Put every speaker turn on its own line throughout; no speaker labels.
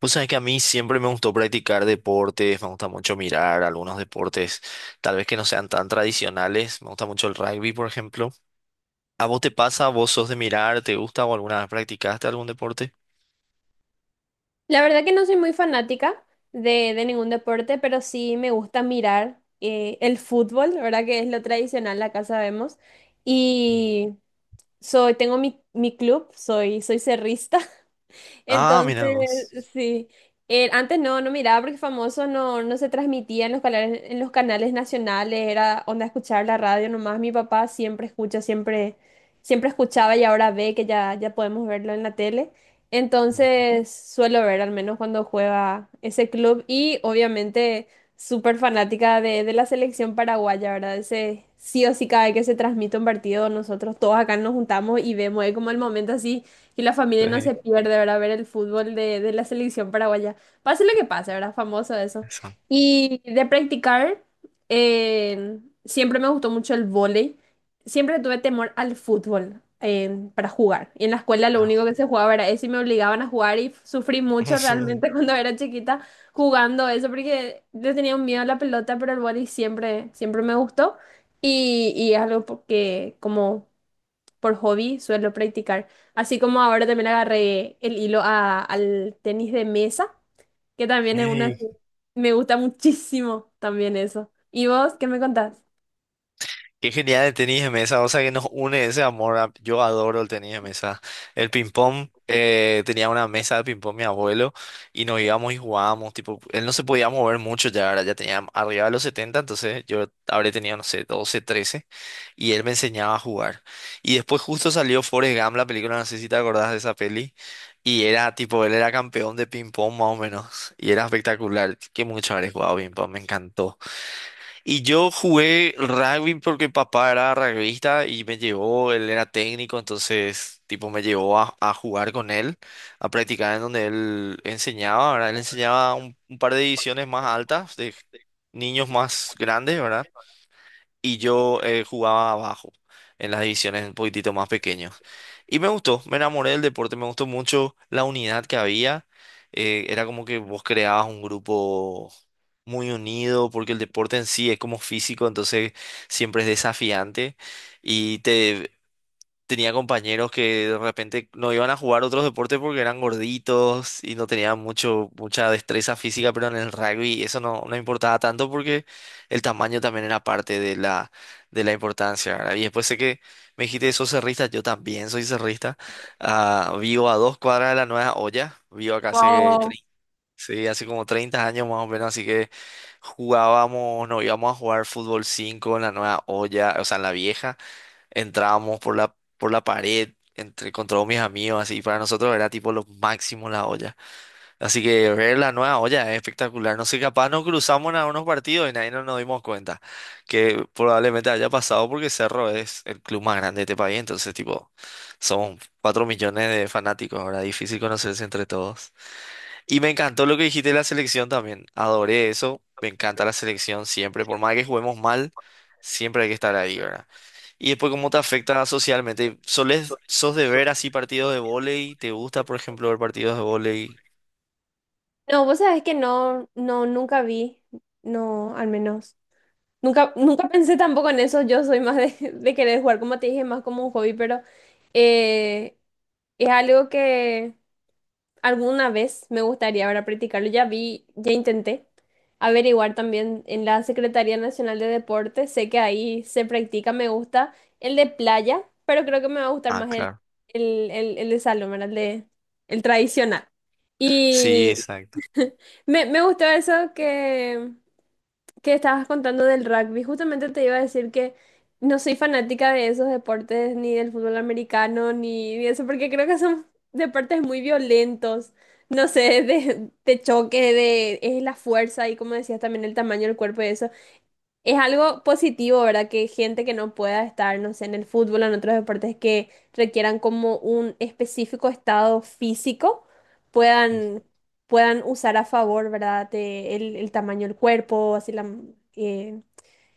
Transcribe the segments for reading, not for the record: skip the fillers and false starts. Pues sabes que a mí siempre me gustó practicar deportes, me gusta mucho mirar algunos deportes, tal vez que no sean tan tradicionales, me gusta mucho el rugby, por ejemplo. ¿A vos te pasa? ¿Vos sos de mirar? ¿Te gusta o alguna vez practicaste algún deporte?
La verdad que no soy muy fanática de ningún deporte, pero sí me gusta mirar el fútbol, la verdad que es lo tradicional, acá sabemos. Y soy, tengo mi club, soy cerrista.
Ah, mira
Entonces,
vos.
sí. Antes no miraba porque famoso no se transmitía en los canales nacionales, era onda escuchar la radio nomás. Mi papá siempre escucha, siempre, siempre escuchaba y ahora ve que ya, ya podemos verlo en la tele.
Ujú.
Entonces suelo ver al menos cuando juega ese club y obviamente súper fanática de la selección paraguaya, ¿verdad? Ese sí o sí cada vez que se transmite un partido, nosotros todos acá nos juntamos y vemos, es como el momento así. Y la familia no se
Sí,
pierde, ¿verdad? Ver el fútbol de la selección paraguaya. Pase lo que pase, ¿verdad? Famoso eso.
eso.
Y de practicar, eh, siempre me gustó mucho el vóley. Siempre tuve temor al fútbol para jugar. Y en la escuela lo único
Ah.
que se jugaba era eso y me obligaban a jugar y sufrí mucho realmente cuando era chiquita jugando eso porque le tenía un miedo a la pelota, pero el vóley siempre, siempre me gustó. Y es algo que como por hobby suelo practicar. Así como ahora también agarré el hilo al tenis de mesa, que también es una... Me gusta muchísimo también eso. ¿Y vos qué me contás?
Qué genial el tenis de mesa, o sea que nos une ese amor. Yo adoro el tenis de mesa. El ping-pong, tenía una mesa de ping-pong mi abuelo y nos íbamos y jugábamos. Tipo, él no se podía mover mucho ya, ahora ya tenía arriba de los 70, entonces yo habré tenido, no sé, 12 13, y él me enseñaba a jugar. Y después justo salió Forrest Gump, la película, no sé si te acordás de esa peli, y era tipo, él era campeón de ping-pong más o menos y era espectacular. Qué mucho haber jugado ping-pong, me encantó. Y yo jugué rugby porque papá era rugbyista y me llevó, él era técnico, entonces tipo me llevó a jugar con él, a practicar en donde él enseñaba, ¿verdad? Él enseñaba un par de divisiones más altas, de niños más grandes, ¿verdad? Y yo jugaba abajo, en las divisiones un poquitito más pequeños. Y me gustó, me enamoré del deporte, me gustó mucho la unidad que había. Era como que vos creabas un grupo muy unido, porque el deporte en sí es como físico, entonces siempre es desafiante y te tenía compañeros que de repente no iban a jugar otros deportes porque eran gorditos y no tenían mucha destreza física, pero en el rugby eso no, no importaba tanto porque el tamaño también era parte de de la importancia, ¿verdad? Y después sé que me dijiste, sos cerrista, yo también soy cerrista. Ah, vivo a dos cuadras de la Nueva Olla, vivo acá hace,
Wow.
sí, hace como 30 años más o menos, así que jugábamos, no íbamos a jugar fútbol 5 en la Nueva Olla, o sea, en la vieja. Entrábamos por por la pared entre, con todos mis amigos, así. Para nosotros era tipo lo máximo la olla. Así que ver la nueva olla es espectacular. No sé, capaz nos cruzamos en algunos partidos y nadie no nos dimos cuenta. Que probablemente haya pasado porque Cerro es el club más grande de este país. Entonces, tipo, somos 4 millones de fanáticos. Ahora difícil conocerse entre todos. Y me encantó lo que dijiste de la selección también. Adoré eso. Me encanta la selección siempre. Por más que juguemos mal, siempre hay que estar ahí, ¿verdad? Y después, ¿cómo te afecta socialmente? Sos de ver así partidos de vóley? ¿Te gusta, por ejemplo, ver partidos de vóley?
No, vos sabés que no, no, nunca vi, no, al menos. Nunca, nunca pensé tampoco en eso, yo soy más de, de querer jugar, como te dije, más como un hobby, pero eh, es algo que... Alguna vez me gustaría ahora practicarlo. Ya vi, ya intenté averiguar también en la Secretaría Nacional de Deportes. Sé que ahí se practica, me gusta el de playa, pero creo que me va a gustar
Ah,
más
claro.
el de salón, ¿verdad? El de, el tradicional.
Sí,
Y
exacto.
me gustó eso que estabas contando del rugby, justamente te iba a decir que no soy fanática de esos deportes, ni del fútbol americano, ni de eso, porque creo que son deportes muy violentos. No sé, de choque, de es la fuerza y como decías también el tamaño del cuerpo y eso. Es algo positivo, ¿verdad? Que gente que no pueda estar, no sé, en el fútbol o en otros deportes que requieran como un específico estado físico, puedan, puedan usar a favor, ¿verdad? De el tamaño del cuerpo, así la... eh,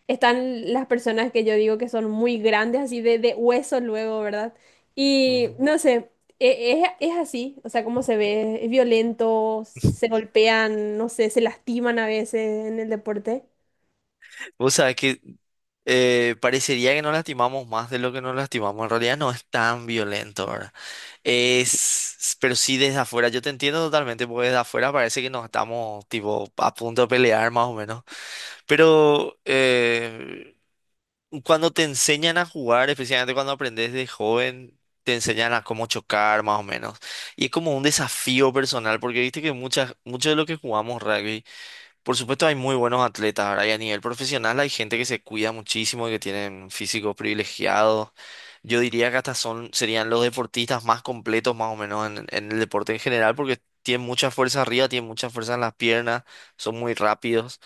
están las personas que yo digo que son muy grandes, así de hueso luego, ¿verdad? Y
Ujú.
no sé, es así, o sea, como se ve, es violento, se golpean, no sé, se lastiman a veces en el deporte.
Vos sabés que parecería que nos lastimamos más de lo que nos lastimamos. En realidad no es tan violento, ¿verdad? Es, pero sí desde afuera, yo te entiendo totalmente, porque desde afuera parece que nos estamos tipo a punto de pelear más o menos. Pero cuando te enseñan a jugar, especialmente cuando aprendes de joven, te enseñan a cómo chocar más o menos. Y es como un desafío personal, porque viste que muchos de los que jugamos rugby, por supuesto hay muy buenos atletas, ahora y a nivel profesional hay gente que se cuida muchísimo y que tienen físicos privilegiados. Yo diría que hasta serían los deportistas más completos más o menos en el deporte en general, porque tienen mucha fuerza arriba, tienen mucha fuerza en las piernas, son muy rápidos.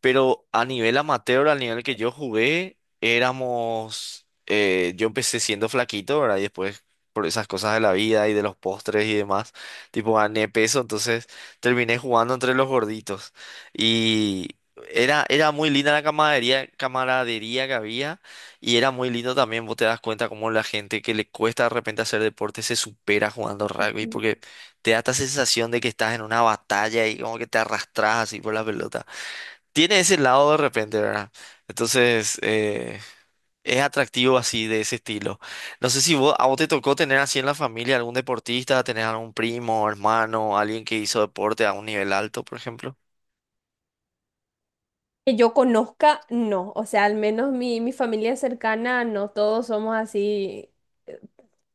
Pero a nivel amateur, al nivel que yo jugué, éramos... yo empecé siendo flaquito, ¿verdad? Y después, por esas cosas de la vida y de los postres y demás, tipo gané peso, entonces terminé jugando entre los gorditos. Y era muy linda la camaradería, camaradería que había y era muy lindo también, vos te das cuenta cómo la gente que le cuesta de repente hacer deporte se supera jugando rugby
Ujú.
porque te da esta sensación de que estás en una batalla y como que te arrastras así por la pelota, tiene ese lado de repente, ¿verdad? Entonces, es atractivo así de ese estilo. No sé si vos, a vos te tocó tener así en la familia algún deportista, tener algún primo, hermano, alguien que hizo deporte a un nivel alto, por ejemplo.
Que yo conozca, no. O sea, al menos mi familia cercana, no todos somos así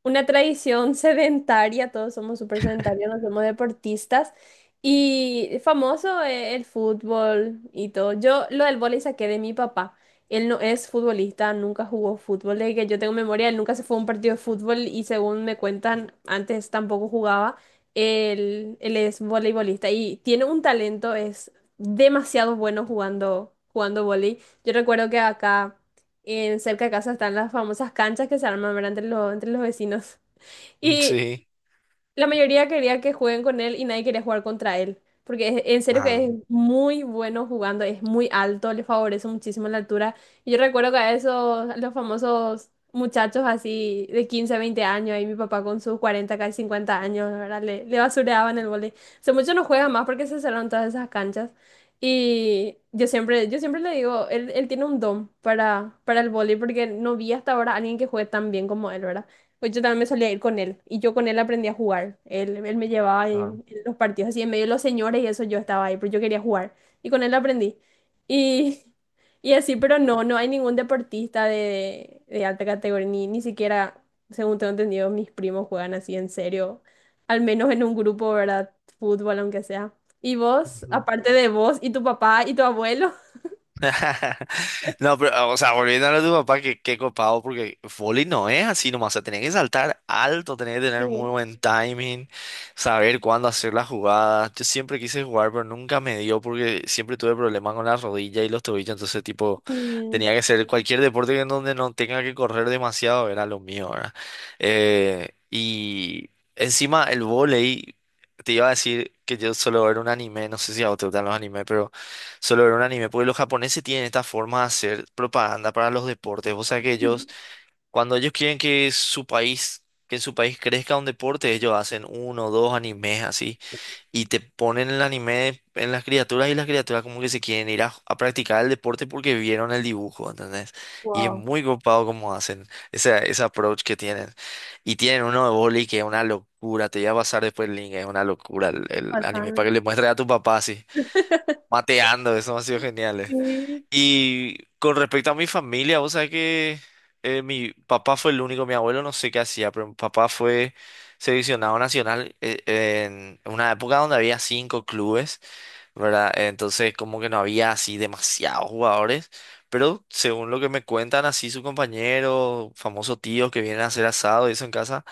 una tradición sedentaria, todos somos súper sedentarios, no somos deportistas. Y famoso el fútbol y todo. Yo lo del vóley saqué de mi papá. Él no es futbolista, nunca jugó fútbol. Desde que yo tengo memoria, él nunca se fue a un partido de fútbol y según me cuentan, antes tampoco jugaba. Él es voleibolista y tiene un talento, es demasiado bueno jugando, jugando vóley. Yo recuerdo que acá. En cerca de casa están las famosas canchas que se arman, ¿verdad? Entre los, entre los vecinos.
Mm,
Y
sí.
la mayoría quería que jueguen con él y nadie quería jugar contra él. Porque en serio que
Ah,
es muy bueno jugando, es muy alto, le favorece muchísimo la altura. Y yo recuerdo que a esos, a los famosos muchachos así de 15 20 años, ahí mi papá con sus 40 casi 50 años, ¿verdad? Le basureaban el vóley. Hace mucho no juega más porque se cerraron todas esas canchas. Y yo siempre le digo, él tiene un don para el vóley porque no vi hasta ahora a alguien que juegue tan bien como él, ¿verdad? Pues yo también me solía ir con él y yo con él aprendí a jugar. Él me llevaba
claro.
en los partidos así en medio de los señores y eso yo estaba ahí, pero yo quería jugar y con él aprendí. Y, y así, pero no, no hay ningún deportista de alta categoría, ni, ni siquiera, según tengo entendido, mis primos juegan así en serio, al menos en un grupo, ¿verdad? Fútbol, aunque sea. Y vos, aparte de vos y tu papá y tu abuelo.
No, pero, o sea, volviendo a lo de tu papá, que qué copado, porque vóley no es así nomás, o sea, tenés que saltar alto, tenés que
Sí.
tener muy buen timing, saber cuándo hacer las jugadas. Yo siempre quise jugar, pero nunca me dio porque siempre tuve problemas con la rodilla y los tobillos, entonces, tipo, tenía que hacer cualquier deporte que en donde no tenga que correr demasiado, era lo mío, ¿verdad? Y encima el vóley, te iba a decir que yo solo ver un anime, no sé si a vos te gustan los animes, solo ver un anime, porque los japoneses tienen esta forma de hacer propaganda para los deportes. O sea que
Mm.
ellos, cuando ellos quieren que su país, que en su país crezca un deporte, ellos hacen uno o dos animes así y te ponen el anime en las criaturas y las criaturas como que se quieren ir a practicar el deporte porque vieron el dibujo, ¿entendés? Y es
Wow.
muy copado como hacen ese approach que tienen. Y tienen uno de boli que es una locura, te voy a pasar después el link, es una locura el anime,
Pasaban.
para que le muestres a tu papá así, mateando, eso ha sido genial.
Sí.
Y con respecto a mi familia, vos sabés que mi papá fue el único, mi abuelo no sé qué hacía, pero mi papá fue seleccionado nacional en una época donde había 5 clubes, ¿verdad? Entonces como que no había así demasiados jugadores, pero según lo que me cuentan así su compañero, famoso tío que vienen a hacer asado y eso en casa,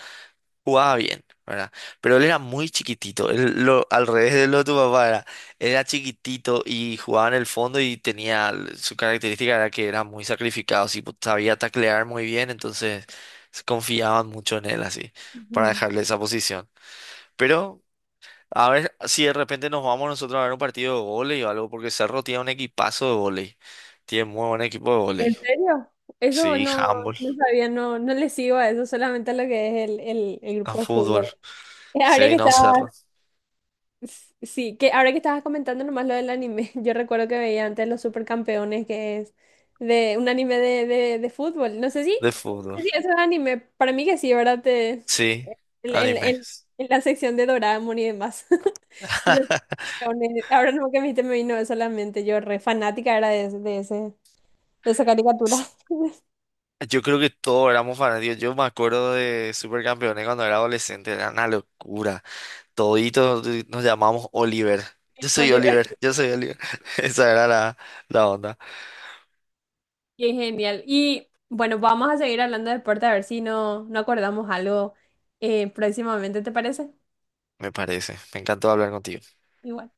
jugaba bien, ¿verdad? Pero él era muy chiquitito, él, lo, al revés de lo de tu papá era, era chiquitito y jugaba en el fondo y tenía, su característica era que era muy sacrificado, sí, pues, sabía taclear muy bien, entonces se confiaban mucho en él así, para
Ujú.
dejarle esa posición. Pero a ver si de repente nos vamos nosotros a ver un partido de vóley o algo, porque Cerro tiene un equipazo de vóley, tiene muy buen equipo de
¿En
vóley.
serio? Eso
Sí,
no,
handball,
no sabía, no, no le sigo a eso, solamente a lo que es el
a
grupo de
fútbol.
fútbol. Eh, Ahora que
Sí, no,
estabas,
Cerro,
sí, que ahora que estabas comentando nomás lo del anime, yo recuerdo que veía antes los supercampeones, que es de un anime de fútbol. No sé si,
de
no sé
fútbol.
si eso es anime, para mí que sí, ¿verdad? Te,
Sí,
en, en-
anime.
en- en la sección de Doraemon y demás. Los supercampeones. Ahora no que me dijiste, me vino eso a la mente, yo re fanática era de, de ese, de esa caricatura.
Yo creo que todos éramos fanáticos. Yo me acuerdo de Supercampeones cuando era adolescente, era una locura. Toditos nos llamamos Oliver. Yo soy
Oliver.
Oliver, yo soy Oliver. Esa era la, la onda,
Qué genial. Y bueno, vamos a seguir hablando de deporte a ver si no, no acordamos algo próximamente, ¿te parece?
me parece. Me encantó hablar contigo.
Igual.